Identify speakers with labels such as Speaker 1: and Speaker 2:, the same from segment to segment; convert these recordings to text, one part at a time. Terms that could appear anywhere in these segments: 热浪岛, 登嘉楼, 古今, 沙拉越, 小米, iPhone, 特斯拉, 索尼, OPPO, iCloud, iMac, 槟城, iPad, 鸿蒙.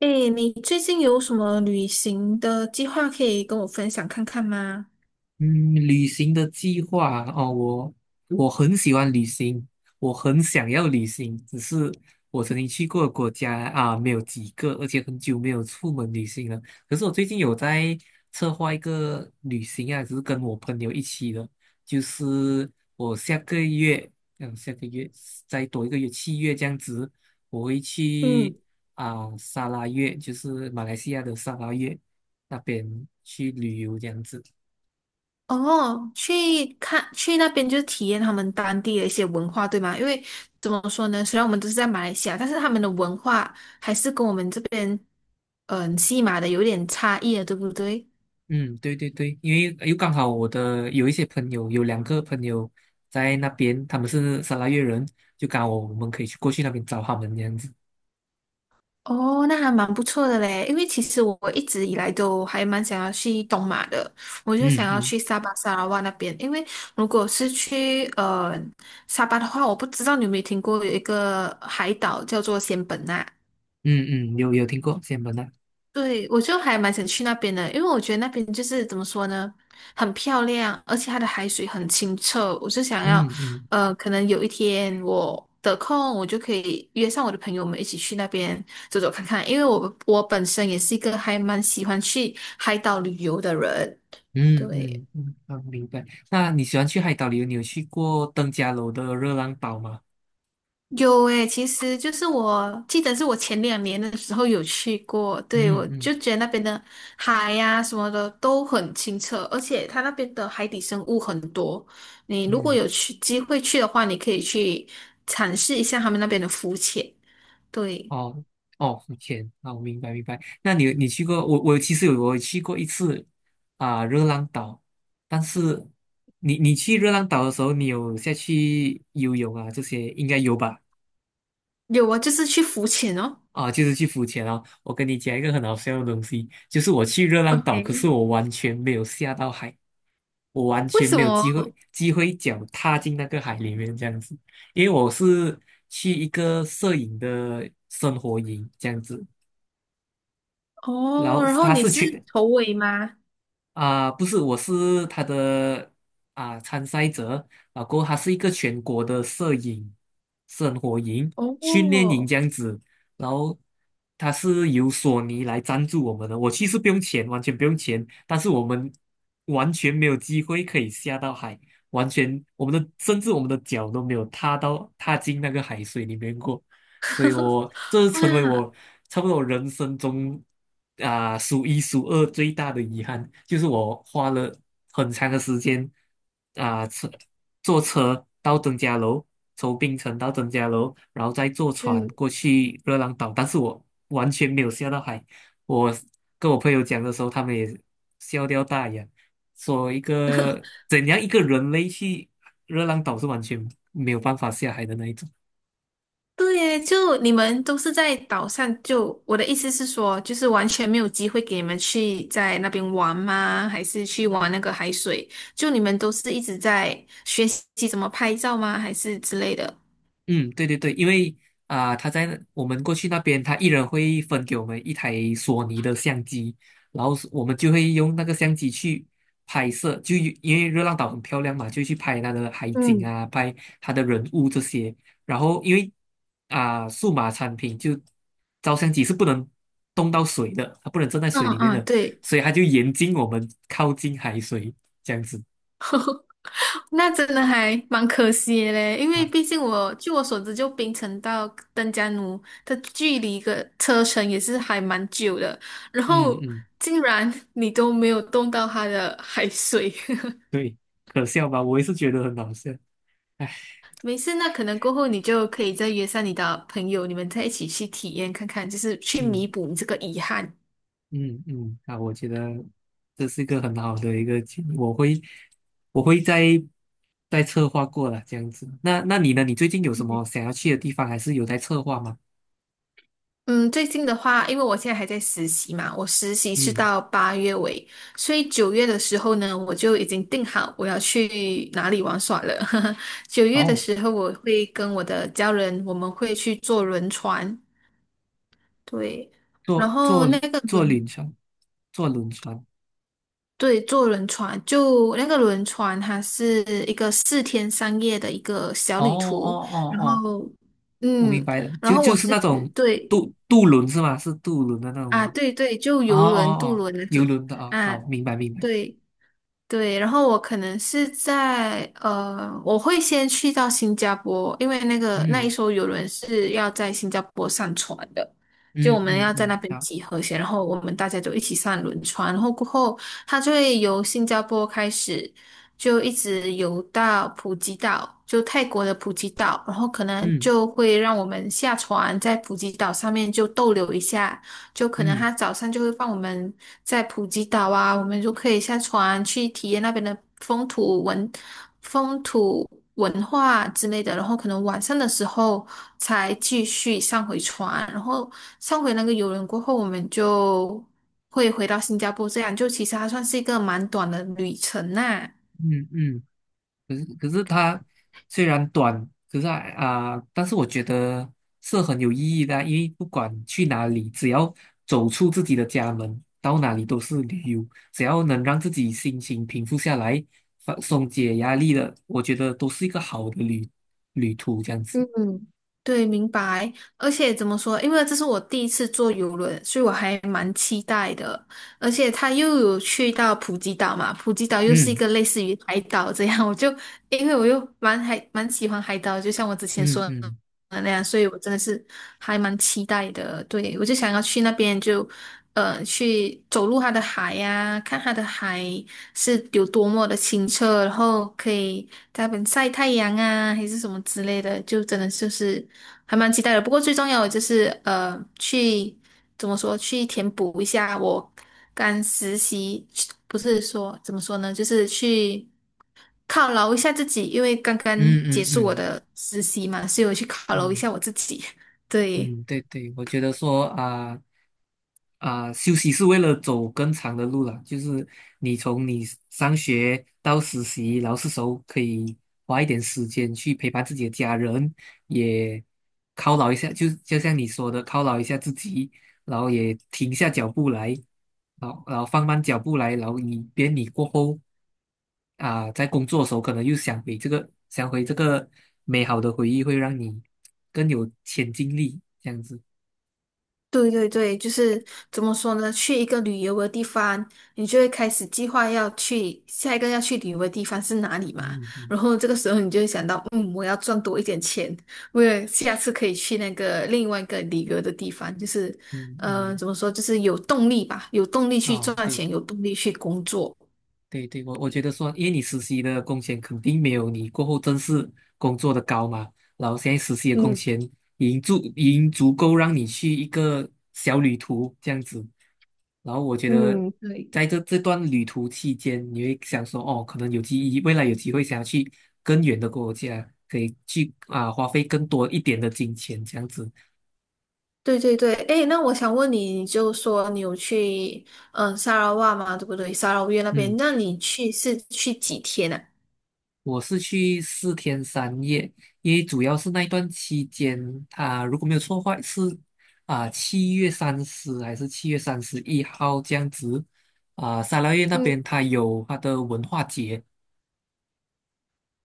Speaker 1: 诶，你最近有什么旅行的计划可以跟我分享看看吗？
Speaker 2: 嗯，旅行的计划，我很喜欢旅行，我很想要旅行，只是我曾经去过的国家啊没有几个，而且很久没有出门旅行了。可是我最近有在策划一个旅行啊，只是跟我朋友一起的，就是我下个月，下个月再多一个月，七月这样子，我会去
Speaker 1: 嗯，
Speaker 2: 沙拉越，就是马来西亚的沙拉越那边去旅游这样子。
Speaker 1: 哦，去那边就是体验他们当地的一些文化，对吗？因为怎么说呢，虽然我们都是在马来西亚，但是他们的文化还是跟我们这边西马的有点差异的，对不对？
Speaker 2: 嗯，对对对，因为又刚好我的有一些朋友，有两个朋友在那边，他们是沙拉越人，就刚好我们可以去过去那边找他们这样子。
Speaker 1: 哦，那还蛮不错的嘞，因为其实我一直以来都还蛮想要去东马的，我就
Speaker 2: 嗯
Speaker 1: 想要
Speaker 2: 嗯
Speaker 1: 去沙巴、沙拉哇那边，因为如果是去沙巴的话，我不知道你有没有听过有一个海岛叫做仙本那。
Speaker 2: 嗯嗯，有听过仙门那？
Speaker 1: 对，我就还蛮想去那边的，因为我觉得那边就是怎么说呢，很漂亮，而且它的海水很清澈。我就想要，
Speaker 2: 嗯嗯
Speaker 1: 可能有一天我得空，我就可以约上我的朋友们一起去那边走走看看，因为我本身也是一个还蛮喜欢去海岛旅游的人。
Speaker 2: 嗯
Speaker 1: 对。
Speaker 2: 嗯嗯，好明白。那你喜欢去海岛旅游？你有去过登嘉楼的热浪岛吗？
Speaker 1: 有诶，其实就是我记得是我前两年的时候有去过，对，
Speaker 2: 嗯
Speaker 1: 我
Speaker 2: 嗯
Speaker 1: 就觉得那边的海呀、什么的都很清澈，而且它那边的海底生物很多。你如果
Speaker 2: 嗯。
Speaker 1: 有去机会去的话，你可以去尝试一下他们那边的浮潜。对，
Speaker 2: 哦哦，浮潜啊，我明白明白。那你你去过我其实有去过一次热浪岛，但是你去热浪岛的时候，你有下去游泳啊这些应该有吧？
Speaker 1: 有啊，就是去浮潜哦。
Speaker 2: 啊，就是去浮潜啊。我跟你讲一个很好笑的东西，就是我去热浪岛，可
Speaker 1: OK,
Speaker 2: 是我完全没有下到海，我完
Speaker 1: 为
Speaker 2: 全
Speaker 1: 什
Speaker 2: 没有机
Speaker 1: 么？
Speaker 2: 会机会脚踏进那个海里面这样子，因为我是去一个摄影的生活营这样子。然
Speaker 1: 哦，
Speaker 2: 后
Speaker 1: 然后
Speaker 2: 他
Speaker 1: 你
Speaker 2: 是
Speaker 1: 是
Speaker 2: 全
Speaker 1: 头尾吗？
Speaker 2: 不是，我是他的参赛者啊，过后他是一个全国的摄影生活营、训练营
Speaker 1: 哦，
Speaker 2: 这样子，然后他是由索尼来赞助我们的，我其实不用钱，完全不用钱，但是我们完全没有机会可以下到海，完全我们的甚至我们的脚都没有踏进那个海水里面过。所以我这是成为
Speaker 1: 哇，
Speaker 2: 我差不多人生中数一数二最大的遗憾，就是我花了很长的时间啊、车坐车到登嘉楼，从槟城到登嘉楼，然后再坐船
Speaker 1: 嗯。
Speaker 2: 过去热浪岛，但是我完全没有下到海。我跟我朋友讲的时候，他们也笑掉大牙，说一个人类去热浪岛是完全没有办法下海的那一种。
Speaker 1: 对耶就你们都是在岛上，就我的意思是说，就是完全没有机会给你们去在那边玩吗？还是去玩那个海水？就你们都是一直在学习怎么拍照吗？还是之类的？
Speaker 2: 嗯，对对对，因为他在我们过去那边，他一人会分给我们一台索尼的相机，然后是我们就会用那个相机去拍摄，就因为热浪岛很漂亮嘛，就去拍那个海景
Speaker 1: 嗯。
Speaker 2: 啊，拍它的人物这些。然后因为数码产品就照相机是不能动到水的，它不能站在水
Speaker 1: 嗯
Speaker 2: 里面
Speaker 1: 嗯，
Speaker 2: 的，
Speaker 1: 对，
Speaker 2: 所以它就严禁我们靠近海水这样子
Speaker 1: 那真的还蛮可惜的嘞，因为
Speaker 2: 啊。
Speaker 1: 毕竟我据我所知，就槟城到登嘉奴的距离个车程也是还蛮久的，然
Speaker 2: 嗯
Speaker 1: 后
Speaker 2: 嗯，
Speaker 1: 竟然你都没有动到它的海水，
Speaker 2: 对，可笑吧？我也是觉得很好笑。
Speaker 1: 没事，那可能过后你就可以再约上你的朋友，你们再一起去体验看看，就是去弥
Speaker 2: 嗯。
Speaker 1: 补你这个遗憾。
Speaker 2: 嗯嗯，啊，我觉得这是一个很好的一个建议，我会在策划过了这样子。那你呢？你最近有什
Speaker 1: 嗯
Speaker 2: 么想要去的地方，还是有在策划吗？
Speaker 1: 嗯最近的话，因为我现在还在实习嘛，我实习是
Speaker 2: 嗯，
Speaker 1: 到八月尾，所以九月的时候呢，我就已经定好我要去哪里玩耍了。九月的
Speaker 2: 哦，
Speaker 1: 时候，我会跟我的家人，我们会去坐轮船，对，然
Speaker 2: 坐
Speaker 1: 后
Speaker 2: 坐
Speaker 1: 那个
Speaker 2: 坐轮
Speaker 1: 轮。
Speaker 2: 船，坐轮船。
Speaker 1: 对，坐轮船，就那个轮船，它是一个四天三夜的一个小
Speaker 2: 哦
Speaker 1: 旅途。
Speaker 2: 哦哦
Speaker 1: 然
Speaker 2: 哦，
Speaker 1: 后，
Speaker 2: 我明
Speaker 1: 嗯，
Speaker 2: 白了，
Speaker 1: 然
Speaker 2: 就
Speaker 1: 后
Speaker 2: 就是那种
Speaker 1: 对。
Speaker 2: 渡轮是吗？是渡轮的那种。
Speaker 1: 对对，就
Speaker 2: 哦
Speaker 1: 游
Speaker 2: 哦
Speaker 1: 轮、渡
Speaker 2: 哦，
Speaker 1: 轮那
Speaker 2: 游
Speaker 1: 种
Speaker 2: 轮的哦，好，
Speaker 1: 啊，
Speaker 2: 明白明白。
Speaker 1: 对。对，然后我可能是在我会先去到新加坡，因为那一
Speaker 2: 嗯
Speaker 1: 艘游轮是要在新加坡上船的，就我
Speaker 2: 嗯
Speaker 1: 们
Speaker 2: 嗯
Speaker 1: 要在
Speaker 2: 嗯，
Speaker 1: 那边
Speaker 2: 好，
Speaker 1: 集合先，然后我们大家就一起上轮船，然后过后它就会由新加坡开始，就一直游到普吉岛，就泰国的普吉岛，然后可能
Speaker 2: 嗯
Speaker 1: 就会让我们下船在普吉岛上面就逗留一下。就可能
Speaker 2: 嗯
Speaker 1: 他早上就会放我们在普吉岛啊，我们就可以下船去体验那边的风土文风土文化之类的，然后可能晚上的时候才继续上回船，然后上回那个游轮过后，我们就会回到新加坡，这样就其实还算是一个蛮短的旅程呐、
Speaker 2: 嗯嗯。可是它虽然短，可是但是我觉得是很有意义的因为不管去哪里，只要走出自己的家门，到哪里都是旅游，只要能让自己心情平复下来，放松解压力的，我觉得都是一个好的旅途这样
Speaker 1: 嗯，
Speaker 2: 子。
Speaker 1: 对，明白。而且怎么说，因为这是我第一次坐游轮，所以我还蛮期待的。而且他又有去到普吉岛嘛，普吉岛又是一个类似于海岛这样，我就因为我还蛮喜欢海岛，就像我之前
Speaker 2: 嗯
Speaker 1: 说的。
Speaker 2: 嗯
Speaker 1: 那样，所以我真的是还蛮期待的。对，我就想要去那边就，去走入它的海呀、看它的海是有多么的清澈，然后可以在那边晒太阳啊，还是什么之类的，就真的就是还蛮期待的。不过最重要的就是去怎么说，去填补一下我刚实习，不是说怎么说呢，就是去。犒劳一下自己，因为刚刚
Speaker 2: 嗯
Speaker 1: 结
Speaker 2: 嗯嗯
Speaker 1: 束我
Speaker 2: 嗯
Speaker 1: 的实习嘛，所以我去犒
Speaker 2: 嗯。
Speaker 1: 劳一
Speaker 2: 嗯
Speaker 1: 下我自己。对，
Speaker 2: 嗯，对对，我觉得说啊休息是为了走更长的路了，就是你从你上学到实习，然后是时候可以花一点时间去陪伴自己的家人，也犒劳一下，就像你说的，犒劳一下自己，然后也停下脚步来。好，然后放慢脚步来，然后以便你过后在工作的时候可能又想回这个美好的回忆，会让你更有前进力，这样子。
Speaker 1: 对对对，就是怎么说呢？去一个旅游的地方，你就会开始计划要去下一个要去旅游的地方是哪里嘛。
Speaker 2: 嗯嗯
Speaker 1: 然后这个时候你就会想到，嗯，我要赚多一点钱，为了下次可以去那个另外一个旅游的地方，就是，
Speaker 2: 嗯嗯，
Speaker 1: 怎么说，就是有动力吧，有动力去
Speaker 2: 哦，
Speaker 1: 赚
Speaker 2: 对。
Speaker 1: 钱，有动力去工作。
Speaker 2: 对对，我觉得说，因为你实习的工钱肯定没有你过后正式工作的高嘛，然后现在实习的工
Speaker 1: 嗯
Speaker 2: 钱已经足够让你去一个小旅途这样子，然后我觉得
Speaker 1: 嗯，对。
Speaker 2: 在这段旅途期间，你会想说，哦，可能未来有机会想要去更远的国家，可以去花费更多一点的金钱这样子，
Speaker 1: 对对对，哎，那我想问你，你就说你有去沙拉哇嘛，对不对？沙拉越那
Speaker 2: 嗯。
Speaker 1: 边，那你去是去几天啊？
Speaker 2: 我是去4天3夜，因为主要是那一段期间，如果没有错的话是七月三十还是7月31号这样子，沙拉越那
Speaker 1: 嗯，
Speaker 2: 边他有他的文化节，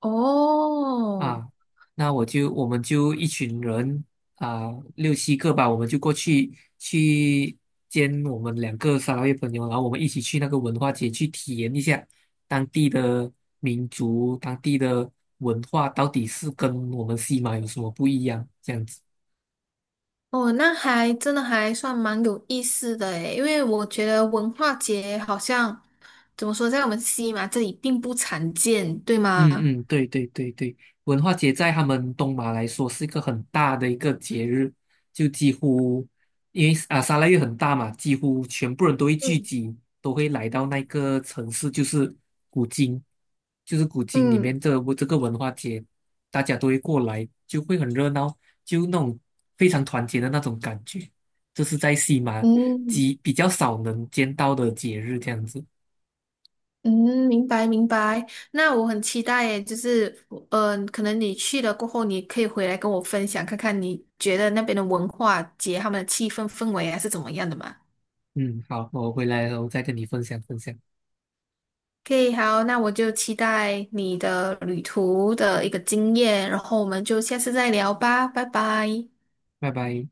Speaker 1: 哦
Speaker 2: 啊，那我们就一群人啊，六七个吧，我们就过去见我们两个沙拉越朋友，然后我们一起去那个文化节去体验一下当地的民族、当地的文化到底是跟我们西马有什么不一样，这样子。
Speaker 1: 哦，那还真的还算蛮有意思的诶，因为我觉得文化节好像怎么说，在我们西马这里并不常见，对吗？
Speaker 2: 嗯嗯，对对对对，文化节在他们东马来说是一个很大的一个节日，就几乎因为沙拉越很大嘛，几乎全部人都会聚
Speaker 1: 嗯
Speaker 2: 集，都会来到那个城市，就是古今，就是古今里面
Speaker 1: 嗯，
Speaker 2: 的这个文化节，大家都会过来，就会很热闹，就那种非常团结的那种感觉，这是在西马
Speaker 1: 嗯，
Speaker 2: 比较少能见到的节日这样子。
Speaker 1: 嗯，明白明白。那我很期待耶，就是嗯、可能你去了过后，你可以回来跟我分享，看看你觉得那边的文化节、他们的气氛氛围还是怎么样的嘛
Speaker 2: 嗯，好，我回来了，我再跟你分享分享，
Speaker 1: 可以，OK,好，那我就期待你的旅途的一个经验，然后我们就下次再聊吧，拜拜。
Speaker 2: 拜拜。